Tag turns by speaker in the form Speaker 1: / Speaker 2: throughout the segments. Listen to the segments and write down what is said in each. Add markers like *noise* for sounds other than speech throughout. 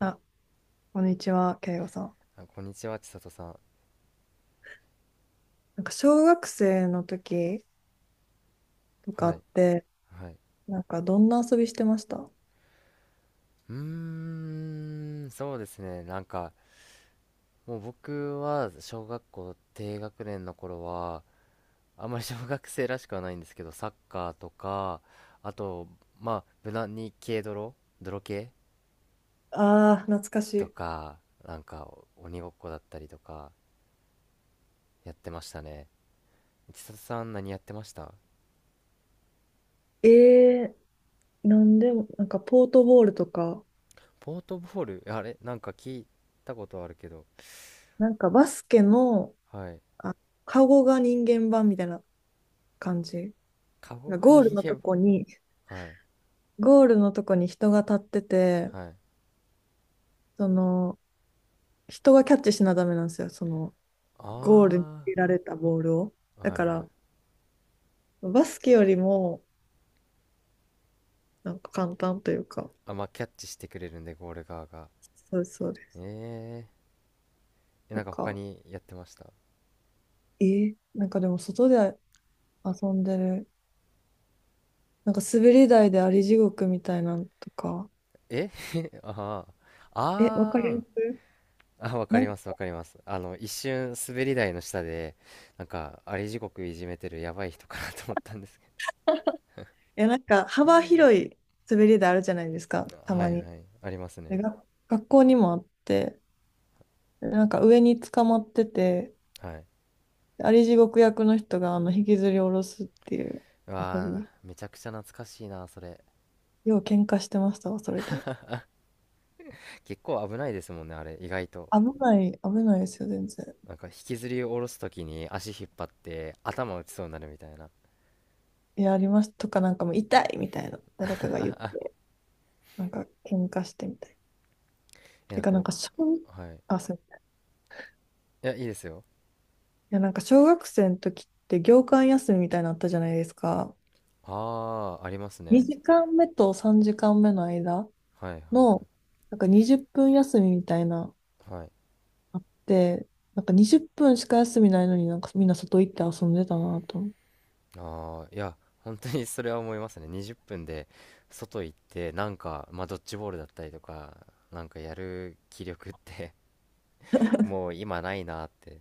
Speaker 1: あ、こんにちは、慶吾さん。
Speaker 2: あ、こんにちは、千里さん。
Speaker 1: なんか小学生の時とか
Speaker 2: はい。
Speaker 1: って、
Speaker 2: はい。
Speaker 1: なんかどんな遊びしてました？
Speaker 2: うーそうですね。もう僕は小学校低学年の頃は、あんまり *laughs* 小学生らしくはないんですけど、サッカーとか、あと、まあ、無難に軽泥、泥系
Speaker 1: ああー、懐か
Speaker 2: と
Speaker 1: し
Speaker 2: か、鬼ごっこだったりとか、やってましたね。千里さん、何やってました？
Speaker 1: い。なんでも、なんかポートボールとか、
Speaker 2: ポートボール、あれなんか聞いたことあるけど、
Speaker 1: なんかバスケの、
Speaker 2: はい。
Speaker 1: あ、カゴが人間版みたいな感じ。
Speaker 2: カゴ
Speaker 1: なん
Speaker 2: が
Speaker 1: かゴール
Speaker 2: 人
Speaker 1: のと
Speaker 2: 間、
Speaker 1: こに、
Speaker 2: はい。
Speaker 1: ゴールのとこに人が立ってて、
Speaker 2: はい。
Speaker 1: その、人がキャッチしなダメなんですよ、ゴールに入
Speaker 2: あ
Speaker 1: れられたボールを。
Speaker 2: あ、
Speaker 1: だ
Speaker 2: はい
Speaker 1: か
Speaker 2: は
Speaker 1: ら、
Speaker 2: い。
Speaker 1: バスケよりも、なんか簡単というか、
Speaker 2: あ、まあ、キャッチしてくれるんで、ゴール側が。
Speaker 1: そうそうです。
Speaker 2: えー、え、
Speaker 1: と
Speaker 2: なんか他
Speaker 1: か、
Speaker 2: にやってました。
Speaker 1: なんかでも外で遊んでる、なんか滑り台であり地獄みたいなのとか、
Speaker 2: え *laughs* ああ、
Speaker 1: え、わかり
Speaker 2: あ
Speaker 1: ます？
Speaker 2: あ、あ、わかり
Speaker 1: い
Speaker 2: ます、わかります。あの、一瞬、滑り台の下で、なんか、あり地獄いじめてるやばい人かなと思ったんですけ
Speaker 1: や、なんか幅広い滑り台あるじゃないですか、
Speaker 2: ど。*laughs*
Speaker 1: た
Speaker 2: は
Speaker 1: ま
Speaker 2: い
Speaker 1: に。
Speaker 2: はい、あります
Speaker 1: で、
Speaker 2: ね。
Speaker 1: が学校にもあって、でなんか上に捕まってて、
Speaker 2: はい。
Speaker 1: であり地獄役の人が引きずり下ろすっていう
Speaker 2: う
Speaker 1: 遊
Speaker 2: わあ、
Speaker 1: び。
Speaker 2: めちゃくちゃ懐かしいな、それ。
Speaker 1: よう喧嘩してましたわ、それで。
Speaker 2: 結構危ないですもんね、あれ、意外と。
Speaker 1: 危ない、危ないですよ、全然。
Speaker 2: なんか、引きずり下ろすときに足引っ張って、頭打ちそうになるみたいな。
Speaker 1: いや、あります。とか、なんかもう痛いみたいな、誰かが言って。なんか喧嘩してみたい。
Speaker 2: え、な
Speaker 1: て
Speaker 2: ん
Speaker 1: か
Speaker 2: か
Speaker 1: なん
Speaker 2: 僕、
Speaker 1: か
Speaker 2: はい。
Speaker 1: あ、そう。
Speaker 2: いや、いいですよ。
Speaker 1: いやなんか小学生の時って業間休みみたいなのあったじゃないですか。
Speaker 2: ああ、ありますね。
Speaker 1: 2時間目と3時間目の間
Speaker 2: はいはい
Speaker 1: の、なんか20分休みみたいな、
Speaker 2: はい。はい。
Speaker 1: あって、なんか20分しか休みないのになんかみんな外行って遊んでたなと思って。
Speaker 2: ああ、いや、本当にそれは思いますね。20分で外行って、なんか、まあ、ドッジボールだったりとか、なんかやる気力って *laughs* もう今ないなって。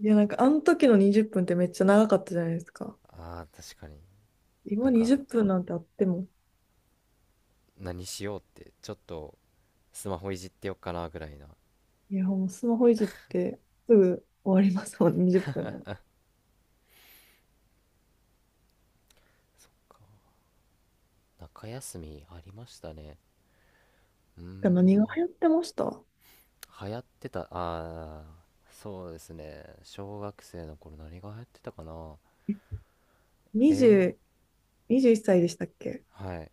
Speaker 1: いやなんかあの時の20分っぷんってめっちゃ長かったじゃないですか。
Speaker 2: ああ、確かに。な
Speaker 1: 今
Speaker 2: んか、
Speaker 1: 20分なんてあっても、
Speaker 2: 何しようって、ちょっとスマホいじってよっかなぐらいな。
Speaker 1: いやもうスマホいじってすぐ終わりますもん、20分なんて。
Speaker 2: 中休みありましたね。うー
Speaker 1: てか何が
Speaker 2: ん、
Speaker 1: 流行ってました？
Speaker 2: 流行ってた、ああ、そうですね。小学生の頃何が流行ってたかな。え、
Speaker 1: 20 21歳でしたっけ？
Speaker 2: はい。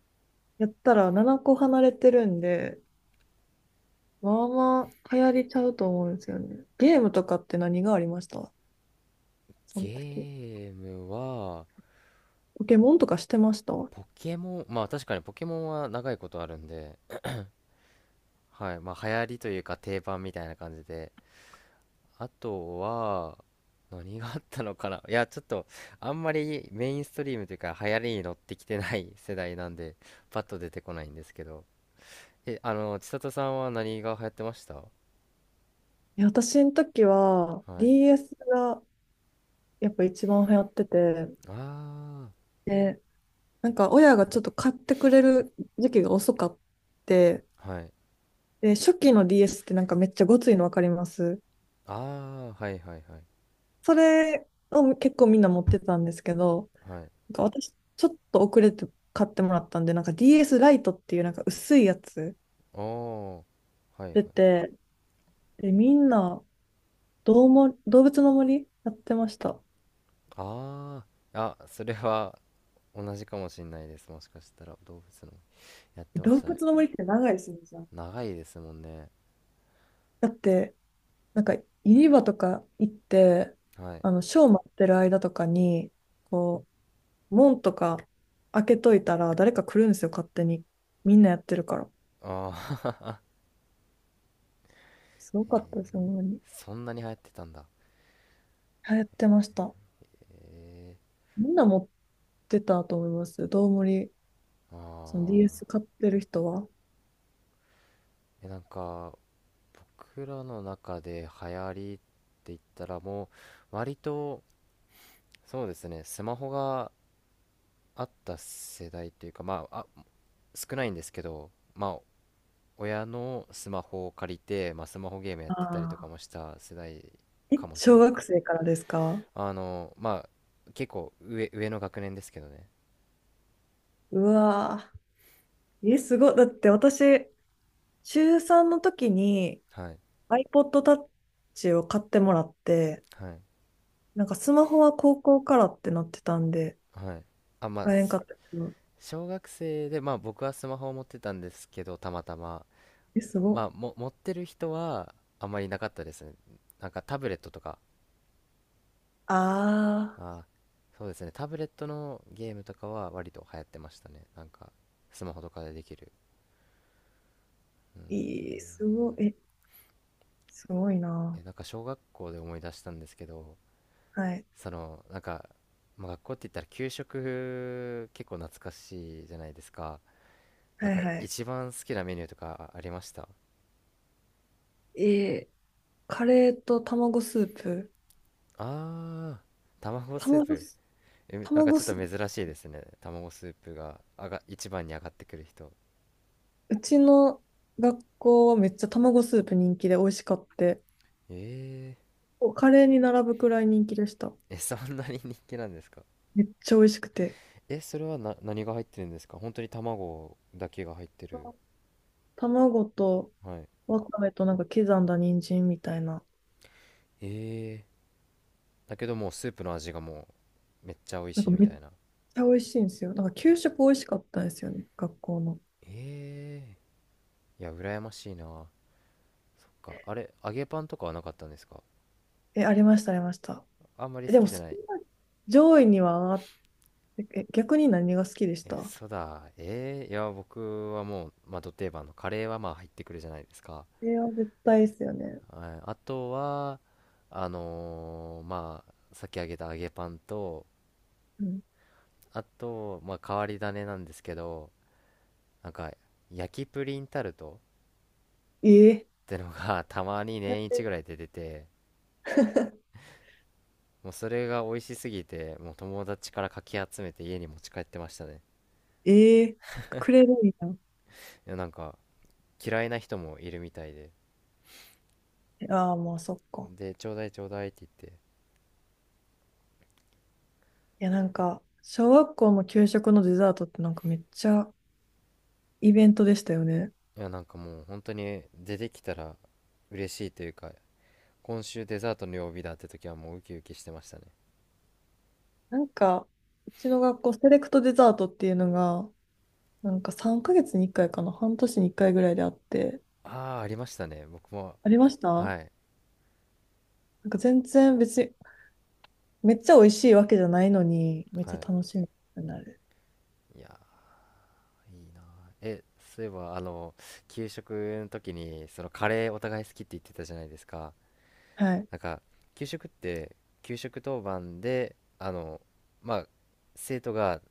Speaker 1: やったら7個離れてるんで、まあまあ流行りちゃうと思うんですよね。ゲームとかって何がありました？その時。
Speaker 2: ゲームは、
Speaker 1: ポケモンとかしてました？い
Speaker 2: ポケモン、まあ確かにポケモンは長いことあるんで、はい。まあ流行りというか定番みたいな感じで。あとは、何があったのかな。*laughs* いや、ちょっと、あんまりメインストリームというか流行りに乗ってきてない世代なんで、パッと出てこないんですけど。え、あの、千里さんは何が流行ってました？
Speaker 1: や私の時は
Speaker 2: はい。
Speaker 1: DS がやっぱ一番流行ってて、
Speaker 2: あ
Speaker 1: で、なんか親がちょっと買ってくれる時期が遅かって、
Speaker 2: あ、はい。
Speaker 1: で、初期の DS ってなんかめっちゃごついのわかります？
Speaker 2: ああ、はいはいはい。
Speaker 1: それを結構みんな持ってたんですけど、
Speaker 2: はい。
Speaker 1: なんか私、ちょっと遅れて買ってもらったんで、なんか DS ライトっていうなんか薄いやつ
Speaker 2: おー、はいはい。
Speaker 1: 出て、で、みんな、どうも、動物の森やってました。
Speaker 2: ああ、あ、それは同じかもしんないです。もしかしたら動物のやってま
Speaker 1: 動
Speaker 2: したね。
Speaker 1: 物の森って長いですね、じゃあ。
Speaker 2: 長いですもんね。
Speaker 1: だって、なんか、ユニバとか行って、
Speaker 2: はい。
Speaker 1: あの、ショー待ってる間とかに、こう、門とか開けといたら、誰か来るんですよ、勝手に。みんなやってるから。
Speaker 2: ああ、
Speaker 1: すごかったです、ほんまに。
Speaker 2: *laughs* そんなに流行ってたんだ。
Speaker 1: 流行ってました。
Speaker 2: へえ。
Speaker 1: みんな持ってたと思います。どうもり
Speaker 2: あ
Speaker 1: その
Speaker 2: あ。
Speaker 1: DS 買ってる人は。
Speaker 2: え、なんか、僕らの中で流行りって言ったらもう、割と、そうですね、スマホがあった世代というか、まあ、あ、少ないんですけど、まあ、親のスマホを借りて、まあ、スマホゲームやってたりとか
Speaker 1: ああ
Speaker 2: もした世代
Speaker 1: ー、え、
Speaker 2: かもしれ
Speaker 1: 小
Speaker 2: ない。
Speaker 1: 学生からですか？
Speaker 2: あの、まあ、結構上、上の学年ですけどね。
Speaker 1: うわー。え、すごい。だって私、中3の時に
Speaker 2: はい。
Speaker 1: iPod Touch を買ってもらって、
Speaker 2: はい。
Speaker 1: なんかスマホは高校からってなってたんで、
Speaker 2: はい。あ、まあ、
Speaker 1: 買えんか
Speaker 2: す、
Speaker 1: ったけど。
Speaker 2: 小学生で、まあ僕はスマホを持ってたんですけど、たまたま。
Speaker 1: え、すごっ。
Speaker 2: まあ、も、持ってる人はあまりいなかったですね。なんかタブレットとか、
Speaker 1: あ
Speaker 2: あー、そうですね。タブレットのゲームとかは割と流行ってましたね。なんか、スマホとかでできる。
Speaker 1: ー、いい、すごい。え、すごい
Speaker 2: え、
Speaker 1: な。
Speaker 2: なんか小学校で思い出したんですけど、
Speaker 1: はい。
Speaker 2: その、なんか、まあ、学校って言ったら給食結構懐かしいじゃないですか。なん
Speaker 1: はい
Speaker 2: か
Speaker 1: はい。
Speaker 2: 一番好きなメニューとかありました？
Speaker 1: えーカレーと卵スープ。
Speaker 2: あー、卵スー
Speaker 1: 卵
Speaker 2: プ。
Speaker 1: ス、
Speaker 2: え、なんか
Speaker 1: 卵
Speaker 2: ちょっと
Speaker 1: スー
Speaker 2: 珍しいですね。卵スープが、あが、一番に上がってくる人。
Speaker 1: うちの学校はめっちゃ卵スープ人気で美味しかって、
Speaker 2: え
Speaker 1: おカレーに並ぶくらい人気でした。
Speaker 2: ー、え、そんなに人気なんですか？
Speaker 1: めっちゃ美味しくて。
Speaker 2: え、それはな、何が入ってるんですか？本当に卵だけが入ってる。
Speaker 1: 卵と
Speaker 2: はい。
Speaker 1: わかめとなんか刻んだ人参みたいな。
Speaker 2: えー、だけどもうスープの味がもう、めっちゃ美味
Speaker 1: なん
Speaker 2: し
Speaker 1: か
Speaker 2: いみ
Speaker 1: めっち
Speaker 2: たいな。
Speaker 1: ゃ美味しいんですよ。なんか給食美味しかったんですよね、学校の。
Speaker 2: えー、いや、羨ましいな。そっか、あれ、揚げパンとかはなかったんですか？
Speaker 1: え、ありました、ありました。
Speaker 2: あんまり
Speaker 1: え、
Speaker 2: 好
Speaker 1: でも
Speaker 2: きじゃ
Speaker 1: そん
Speaker 2: ない？
Speaker 1: な上位には上がって、え、逆に何が好きでし
Speaker 2: え、
Speaker 1: た？
Speaker 2: そうだ。えー、いや、僕はもう、まあ、ド定番のカレーはまあ入ってくるじゃないですか。
Speaker 1: えれは絶対ですよね。
Speaker 2: ああとは、あのー、まあ、さっき揚げた揚げパンと、
Speaker 1: うん。
Speaker 2: あと、まあ、変わり種なんですけど、なんか、焼きプリンタルト
Speaker 1: えー、
Speaker 2: ってのが *laughs* たまに
Speaker 1: だっ
Speaker 2: 年一
Speaker 1: て
Speaker 2: ぐらいで出て、もうそれが美味しすぎて、もう友達からかき集めて家に持ち帰ってましたね。
Speaker 1: *laughs* えー、くれるんや。
Speaker 2: いや、なんか、嫌いな人もいるみたいで。
Speaker 1: ああ、まあそっか。
Speaker 2: で、ちょうだいちょうだいって言って、
Speaker 1: いや、なんか、小学校の給食のデザートってなんかめっちゃイベントでしたよね。
Speaker 2: いやなんかもう本当に出てきたら嬉しいというか今週デザートの曜日だって時はもうウキウキしてましたね。
Speaker 1: なんか、うちの学校セレクトデザートっていうのが、なんか3ヶ月に1回かいかな、半年に1回ぐらいであって、
Speaker 2: ああー、ありましたね、僕も。
Speaker 1: ありました
Speaker 2: は
Speaker 1: な
Speaker 2: い
Speaker 1: んか全然別に、めっちゃ美味しいわけじゃないのに、めっちゃ
Speaker 2: は
Speaker 1: 楽しみになる。
Speaker 2: い。いやー、いいなー。え、そういえばあの給食の時にそのカレーお互い好きって言ってたじゃないですか。
Speaker 1: はい。
Speaker 2: なんか給食って給食当番であのまあ生徒が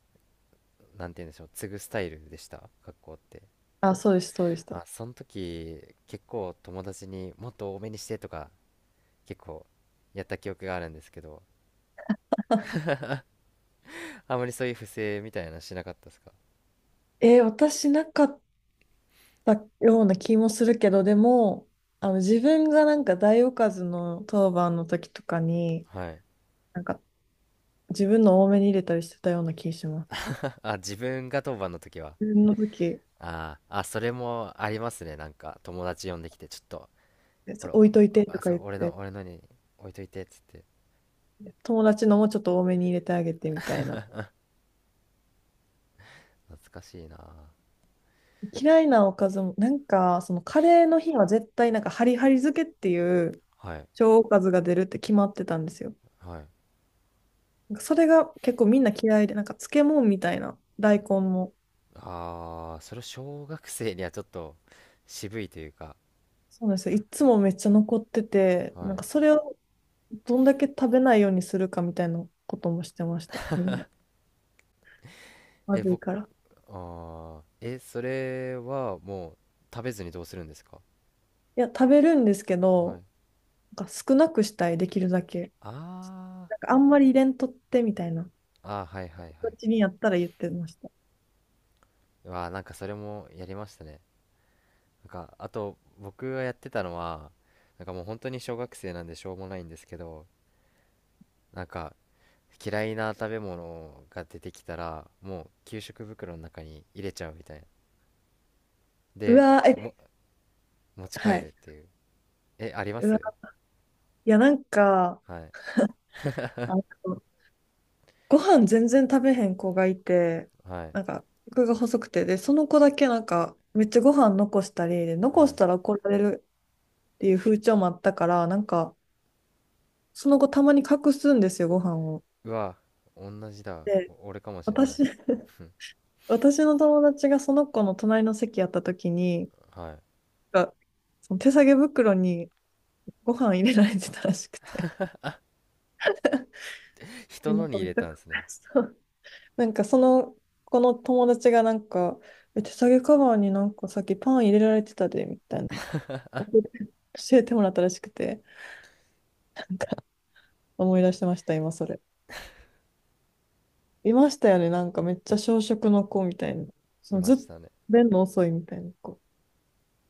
Speaker 2: なんて言うんでしょう、継ぐスタイルでした、学校って？
Speaker 1: あ、そうです、そうでした。
Speaker 2: あ、その時結構友達にもっと多めにしてとか結構やった記憶があるんですけど、あまりそういう不正みたいなのしなかったですか？
Speaker 1: 私なかったような気もするけど、でも、自分がなんか大おかずの当番の時とかに、
Speaker 2: はい。
Speaker 1: なんか自分の多めに入れたりしてたような気がします。
Speaker 2: *laughs* あ、自分が当番の時は、
Speaker 1: 自分の時、
Speaker 2: あーあ、それもありますね。なんか友達呼んできてちょっと、こ
Speaker 1: そ
Speaker 2: れ
Speaker 1: う置いといてと
Speaker 2: あ
Speaker 1: か
Speaker 2: さ
Speaker 1: 言っ
Speaker 2: 俺の、
Speaker 1: て、
Speaker 2: 俺のに置いといてっつって
Speaker 1: 友達のもちょっと多めに入れてあげてみたいな。
Speaker 2: 懐かしいな。
Speaker 1: 嫌いなおかずも、なんか、そのカレーの日は絶対なんかハリハリ漬けっていう
Speaker 2: はい
Speaker 1: 小おかずが出るって決まってたんですよ。
Speaker 2: はい。
Speaker 1: なんかそれが結構みんな嫌いで、なんか漬物みたいな、大根も。
Speaker 2: ああ、それ小学生にはちょっと渋いというか。
Speaker 1: そうなんですよ。いつもめっちゃ残ってて、
Speaker 2: は
Speaker 1: なん
Speaker 2: い。
Speaker 1: かそれをどんだけ食べないようにするかみたいなこともしてました、みんな。ま
Speaker 2: え、
Speaker 1: ずい
Speaker 2: 僕、
Speaker 1: から。
Speaker 2: ああ、え、それはもう食べずにどうするんですか？
Speaker 1: いや、食べるんですけ
Speaker 2: はい。
Speaker 1: ど、なんか少なくしたい、できるだけ。
Speaker 2: あ
Speaker 1: なんかあんまり入れんとってみたいな
Speaker 2: あ、あー、はいはいはい。
Speaker 1: 形にやったら言ってました。
Speaker 2: うわー、なんかそれもやりましたね。なんかあと僕がやってたのはなんかもう本当に小学生なんでしょうもないんですけど、なんか嫌いな食べ物が出てきたらもう給食袋の中に入れちゃうみたいな。
Speaker 1: う
Speaker 2: で
Speaker 1: わー、
Speaker 2: も
Speaker 1: え、
Speaker 2: 持ち
Speaker 1: は
Speaker 2: 帰る
Speaker 1: い。
Speaker 2: っていう、え、ありま
Speaker 1: うわ、
Speaker 2: す？
Speaker 1: いや、なんか、
Speaker 2: はい
Speaker 1: あのご飯全然食べへん子がいて、
Speaker 2: はい
Speaker 1: なんか、僕が細くて、で、その子だけなんか、めっちゃご飯残したり、で、残
Speaker 2: は
Speaker 1: し
Speaker 2: い。
Speaker 1: たら怒られるっていう風潮もあったから、なんか、その子たまに隠すんですよ、ご飯を。
Speaker 2: うわ、同じだ、
Speaker 1: で、
Speaker 2: お俺かもしんない。
Speaker 1: 私、*laughs* 私の友達がその子の隣の席やった時に、
Speaker 2: はい。
Speaker 1: か、その手提げ袋にご飯入れられてたらしくて。で
Speaker 2: 人
Speaker 1: な
Speaker 2: の
Speaker 1: ん
Speaker 2: に
Speaker 1: か
Speaker 2: 入
Speaker 1: めっ
Speaker 2: れ
Speaker 1: ちゃ
Speaker 2: たんで
Speaker 1: 混
Speaker 2: すね。
Speaker 1: 乱なんかその、この友達がなんか、手提げカバーになんかさっきパン入れられてたで、みたいな。教えて教えてもらったらしくて、なんか思い出してました、今それ。いましたよね、なんかめっちゃ小食の子みたいな。そ
Speaker 2: い
Speaker 1: の
Speaker 2: ま
Speaker 1: ずっ
Speaker 2: し
Speaker 1: と
Speaker 2: たね。
Speaker 1: 便の遅いみたいな子。